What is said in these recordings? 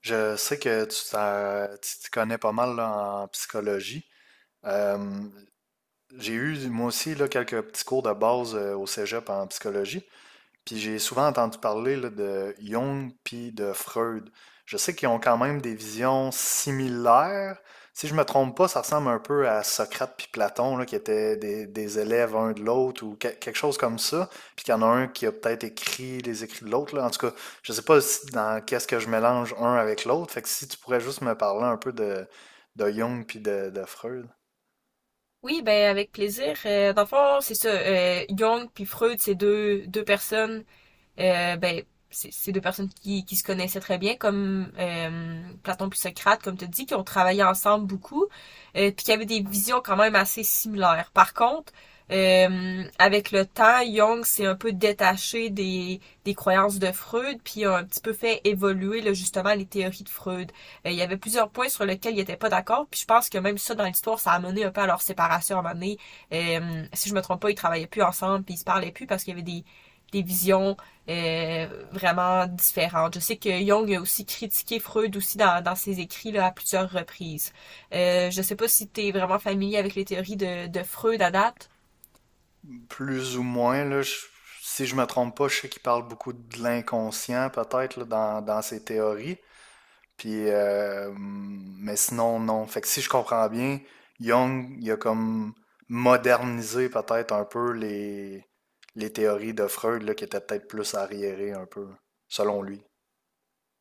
Je sais que tu t'y connais pas mal là, en psychologie. Euh, j'ai eu moi aussi là, quelques petits cours de base au cégep en psychologie. Puis j'ai souvent entendu parler là, de Jung puis de Freud. Je sais qu'ils ont quand même des visions similaires. Si je me trompe pas, ça ressemble un peu à Socrate puis Platon, là, qui étaient des élèves un de l'autre ou quelque chose comme ça. Puis qu'il y en a un qui a peut-être écrit les écrits de l'autre, là. En tout cas, je sais pas si- dans qu'est-ce que je mélange un avec l'autre. Fait que si tu pourrais juste me parler un peu de Jung puis de Freud. Oui, ben avec plaisir. Dans le fond, c'est ça. Jung puis Freud, c'est deux personnes euh, ben, c'est deux personnes qui se connaissaient très bien, comme Platon puis Socrate, comme tu as dit qui ont travaillé ensemble beaucoup, puis qui avaient des visions quand même assez similaires. Par contre, avec le temps, Jung s'est un peu détaché des croyances de Freud, puis a un petit peu fait évoluer là, justement les théories de Freud. Il y avait plusieurs points sur lesquels il n'était pas d'accord, puis je pense que même ça dans l'histoire, ça a mené un peu à leur séparation à un moment donné. Si je me trompe pas, ils travaillaient plus ensemble, puis ils se parlaient plus parce qu'il y avait des visions euh, vraiment différentes. Je sais que Jung a aussi critiqué Freud aussi dans ses écrits là, à plusieurs reprises. Je ne sais pas si tu es vraiment familier avec les théories de Freud à date. Plus ou moins, là, si je me trompe pas, je sais qu'il parle beaucoup de l'inconscient, peut-être, là, dans ses théories. Puis, mais sinon, non. Fait que si je comprends bien, Jung, il a comme modernisé peut-être un peu les théories de Freud, là, qui étaient peut-être plus arriérées un peu, selon lui.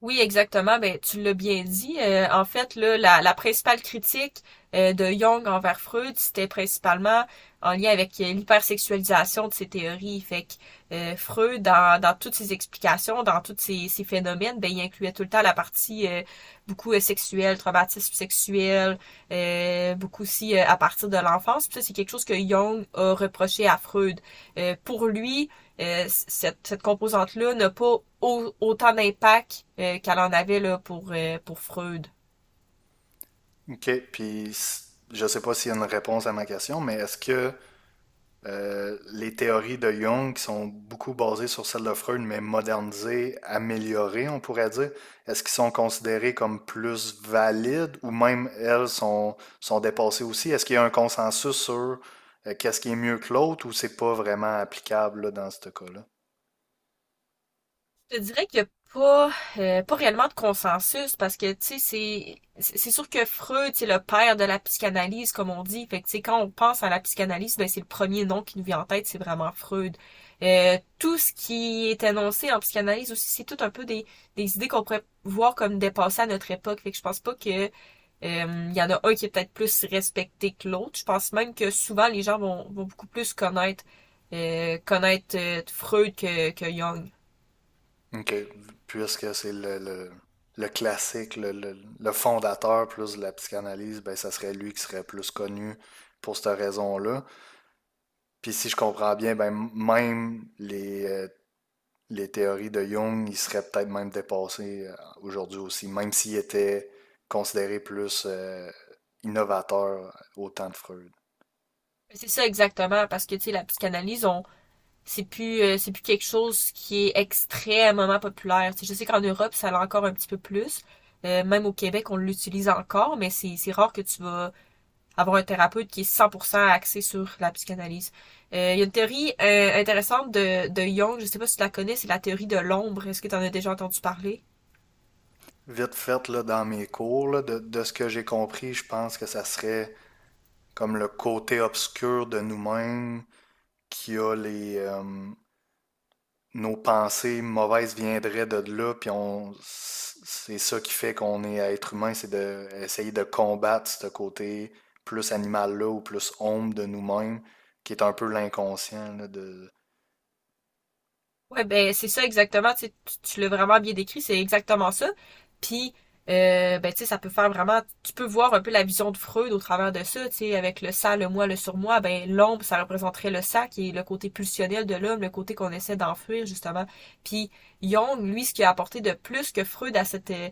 Oui, exactement. Ben, tu l'as bien dit. En fait, là, la principale critique de Jung envers Freud, c'était principalement en lien avec l'hypersexualisation de ses théories. Fait que Freud, dans toutes ses explications, dans tous ses phénomènes, ben, il incluait tout le temps la partie beaucoup sexuelle, traumatisme sexuel, beaucoup aussi à partir de l'enfance. Puis ça, c'est quelque chose que Jung a reproché à Freud. Pour lui, cette composante-là n'a pas autant d'impact qu'elle en avait là, pour Freud. OK. Je sais pas s'il y a une réponse à ma question, mais est-ce que les théories de Jung qui sont beaucoup basées sur celles de Freud, mais modernisées, améliorées, on pourrait dire, est-ce qu'ils sont considérés comme plus valides ou même elles sont dépassées aussi? Est-ce qu'il y a un consensus sur qu'est-ce qui est mieux que l'autre ou c'est pas vraiment applicable là, dans ce cas-là? Je te dirais qu'il n'y a pas, pas réellement de consensus parce que, tu sais, c'est sûr que Freud, c'est le père de la psychanalyse, comme on dit. Fait que, tu sais, quand on pense à la psychanalyse, ben, c'est le premier nom qui nous vient en tête, c'est vraiment Freud. Tout ce qui est annoncé en psychanalyse aussi, c'est tout un peu des idées qu'on pourrait voir comme dépassées à notre époque. Fait que je pense pas que, il y en a un qui est peut-être plus respecté que l'autre. Je pense même que souvent les gens vont beaucoup plus connaître Freud que Jung. OK. Puisque c'est le classique, le fondateur plus de la psychanalyse, ben ça serait lui qui serait plus connu pour cette raison-là. Puis si je comprends bien, ben même les théories de Jung, ils seraient peut-être même dépassées aujourd'hui aussi, même s'ils étaient considérés plus innovateurs au temps de Freud. C'est ça exactement, parce que tu sais, la psychanalyse, on c'est plus quelque chose qui est extrêmement populaire. Tu sais, je sais qu'en Europe, ça l'a encore un petit peu plus. Même au Québec, on l'utilise encore, mais c'est rare que tu vas avoir un thérapeute qui est 100% axé sur la psychanalyse. Il y a une théorie intéressante de Jung, je sais pas si tu la connais, c'est la théorie de l'ombre. Est-ce que tu en as déjà entendu parler? Vite fait, là, dans mes cours, là, de ce que j'ai compris, je pense que ça serait comme le côté obscur de nous-mêmes qui a nos pensées mauvaises viendraient de là, puis on, c'est ça qui fait qu'on est être humain, c'est d'essayer de combattre ce côté plus animal-là ou plus homme de nous-mêmes, qui est un peu l'inconscient là de Ouais, ben c'est ça exactement, tu sais, tu l'as vraiment bien décrit, c'est exactement ça. Puis ben tu sais, ça peut faire vraiment tu peux voir un peu la vision de Freud au travers de ça, tu sais, avec le ça, le moi, le surmoi, ben l'ombre, ça représenterait le ça qui est le côté pulsionnel de l'homme, le côté qu'on essaie d'enfuir justement. Puis Jung, lui, ce qu'il a apporté de plus que Freud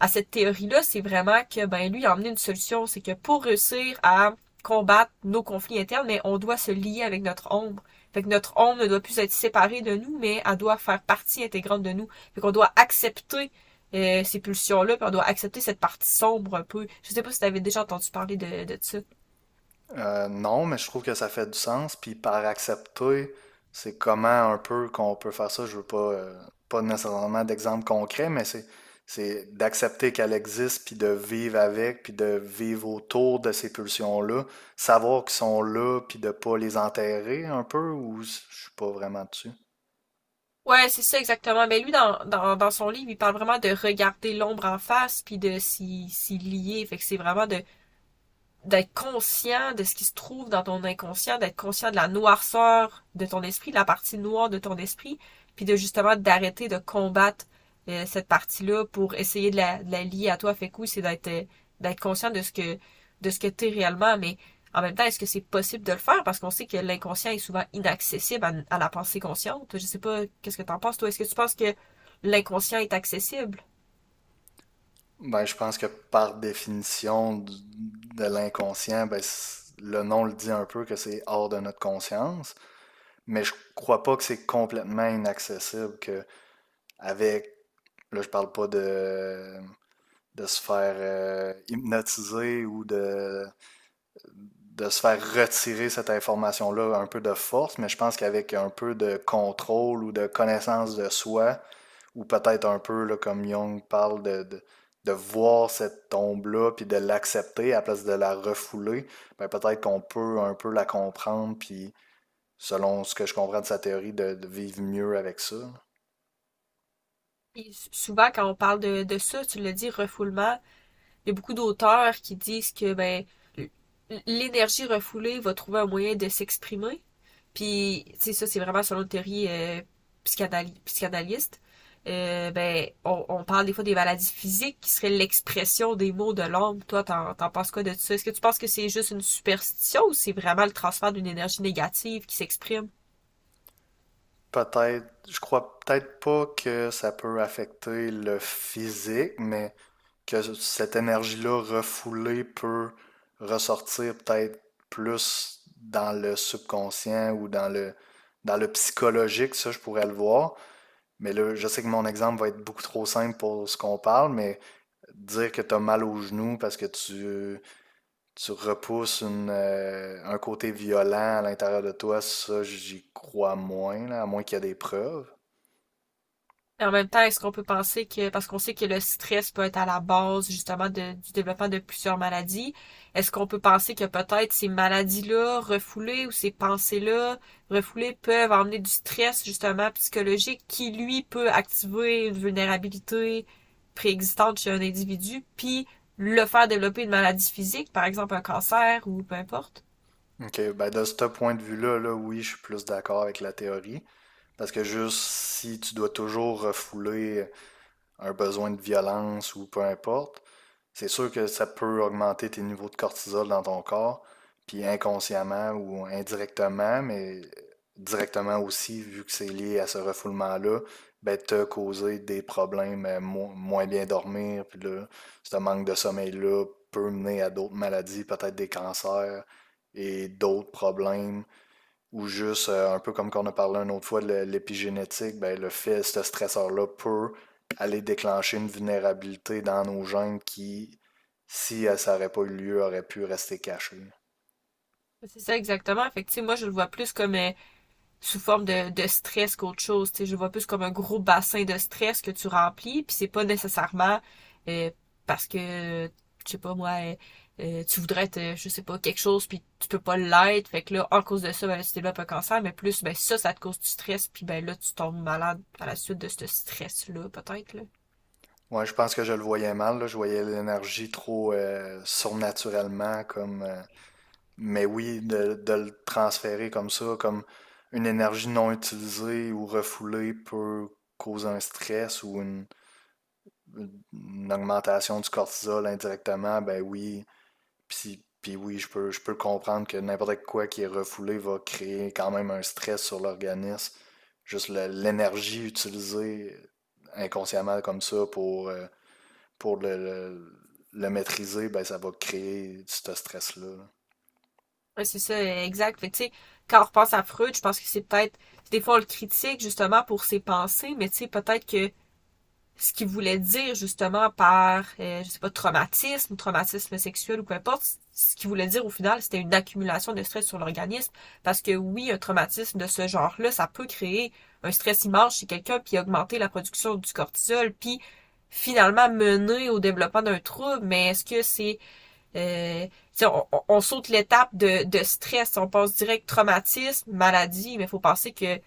à cette théorie-là, c'est vraiment que ben lui il a emmené une solution, c'est que pour réussir à combattre nos conflits internes, mais on doit se lier avec notre ombre. Fait que notre ombre ne doit plus être séparée de nous, mais elle doit faire partie intégrante de nous. Fait qu'on doit accepter ces pulsions-là, puis on doit accepter cette partie sombre un peu. Je sais pas si t'avais déjà entendu parler de ça. Non, mais je trouve que ça fait du sens. Puis par accepter, c'est comment un peu qu'on peut faire ça. Je veux pas, pas nécessairement d'exemple concret, mais c'est d'accepter qu'elle existe, puis de vivre avec, puis de vivre autour de ces pulsions-là, savoir qu'ils sont là, puis de pas les enterrer un peu, ou je suis pas vraiment dessus. Ouais, c'est ça exactement. Mais lui, dans son livre, il parle vraiment de regarder l'ombre en face, puis de s'y lier. Fait que c'est vraiment de d'être conscient de ce qui se trouve dans ton inconscient, d'être conscient de la noirceur de ton esprit, de la partie noire de ton esprit, puis de justement d'arrêter de combattre cette partie-là pour essayer de de la lier à toi. Fait que oui, c'est d'être d'être conscient de ce que t'es réellement, mais en même temps, est-ce que c'est possible de le faire? Parce qu'on sait que l'inconscient est souvent inaccessible à la pensée consciente. Je sais pas, qu'est-ce que t'en penses, toi? Est-ce que tu penses que l'inconscient est accessible? Ben, je pense que par de l'inconscient, ben, le nom le dit un peu que c'est hors de notre conscience. Mais je crois pas que c'est complètement inaccessible que avec là je parle pas de de se faire hypnotiser ou de se faire retirer cette information-là un peu de force, mais je pense qu'avec un peu de contrôle ou de connaissance de soi, ou peut-être un peu là, comme Jung parle de voir cette tombe-là, puis de l'accepter à la place de la refouler, ben peut-être qu'on peut un peu la comprendre, puis selon ce que je comprends de sa théorie, de vivre mieux avec ça. Et souvent, quand on parle de ça, tu le dis, refoulement, il y a beaucoup d'auteurs qui disent que ben l'énergie refoulée va trouver un moyen de s'exprimer. Puis, tu sais, ça, c'est vraiment selon une théorie psychanalyste. Ben, on parle des fois des maladies physiques qui seraient l'expression des mots de l'homme. Toi, t'en penses quoi de tout ça? Est-ce que tu penses que c'est juste une superstition ou c'est vraiment le transfert d'une énergie négative qui s'exprime? Peut-être, je crois peut-être pas que ça peut affecter le physique, mais que cette énergie-là refoulée peut ressortir peut-être plus dans le subconscient ou dans dans le psychologique, ça je pourrais le voir. Mais là, je sais que mon exemple va être beaucoup trop simple pour ce qu'on parle, mais dire que t'as mal au genou parce que tu repousses un côté violent à l'intérieur de toi, ça, j'y crois moins, là, à moins qu'il y ait des preuves. Et en même temps, est-ce qu'on peut penser que, parce qu'on sait que le stress peut être à la base justement du développement de plusieurs maladies, est-ce qu'on peut penser que peut-être ces maladies-là refoulées ou ces pensées-là refoulées peuvent emmener du stress justement psychologique qui, lui, peut activer une vulnérabilité préexistante chez un individu, puis le faire développer une maladie physique, par exemple un cancer ou peu importe? OK, ben de ce point de vue-là, là, oui, je suis plus d'accord avec la théorie. Parce que juste si tu dois toujours refouler un besoin de violence ou peu importe, c'est sûr que ça peut augmenter tes niveaux de cortisol dans ton corps, puis inconsciemment ou indirectement, mais directement aussi, vu que c'est lié à ce refoulement-là, ben, te causer des problèmes, moins bien dormir, puis là, ce manque de sommeil-là peut mener à d'autres maladies, peut-être des cancers et d'autres problèmes ou juste, un peu comme qu'on a parlé une autre fois de l'épigénétique, ben, le fait, ce stresseur-là peut aller déclencher une vulnérabilité dans nos gènes qui, si ça n'aurait pas eu lieu, aurait pu rester cachée. C'est ça exactement. Fait que, tu sais, moi, je le vois plus comme... sous forme de stress qu'autre chose. Tu sais, je vois plus comme un gros bassin de stress que tu remplis, puis c'est pas nécessairement euh, parce que, je sais pas moi, tu voudrais être, je sais pas, quelque chose, puis tu peux pas l'être. Fait que là, en cause de ça, ben, là, tu développes un cancer, mais plus, ben ça te cause du stress, puis ben là, tu tombes malade à la suite de ce stress-là, peut-être, là. Ouais, je pense que je le voyais mal, là. Je voyais l'énergie trop surnaturellement comme mais oui, de le transférer comme ça, comme une énergie non utilisée ou refoulée peut causer un stress ou une augmentation du cortisol indirectement, ben oui. Puis oui, je peux comprendre que n'importe quoi qui est refoulé va créer quand même un stress sur l'organisme. Juste l'énergie utilisée inconsciemment comme ça pour le maîtriser, ben ça va créer ce stress-là. Là. Ouais, c'est ça, exact. Fait que, tu sais, quand on repense à Freud, je pense que c'est peut-être, des fois, on le critique, justement, pour ses pensées, mais tu sais, peut-être que ce qu'il voulait dire justement par, je sais pas, traumatisme sexuel ou peu importe, ce qu'il voulait dire au final, c'était une accumulation de stress sur l'organisme. Parce que oui, un traumatisme de ce genre-là, ça peut créer un stress immense chez quelqu'un, puis augmenter la production du cortisol, puis finalement mener au développement d'un trouble, mais est-ce que c'est... Euh, on, saute l'étape de stress, on passe direct traumatisme, maladie, mais il faut penser que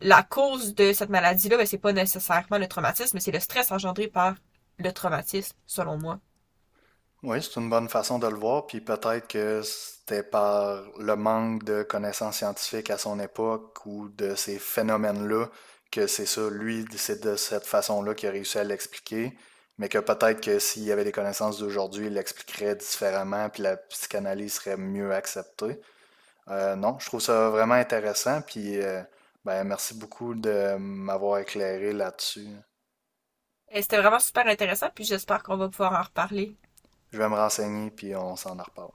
la cause de cette maladie-là, ben, c'est pas nécessairement le traumatisme, mais c'est le stress engendré par le traumatisme, selon moi. Oui, c'est une bonne façon de le voir, puis peut-être que c'était par le manque de connaissances scientifiques à son époque ou de ces phénomènes-là que c'est ça, lui, c'est de cette façon-là qu'il a réussi à l'expliquer, mais que peut-être que s'il y avait des connaissances d'aujourd'hui, il l'expliquerait différemment, puis la psychanalyse serait mieux acceptée. Non, je trouve ça vraiment intéressant, puis ben, merci beaucoup de m'avoir éclairé là-dessus. Et c'était vraiment super intéressant, puis j'espère qu'on va pouvoir en reparler Je vais me renseigner, puis on s'en reparle.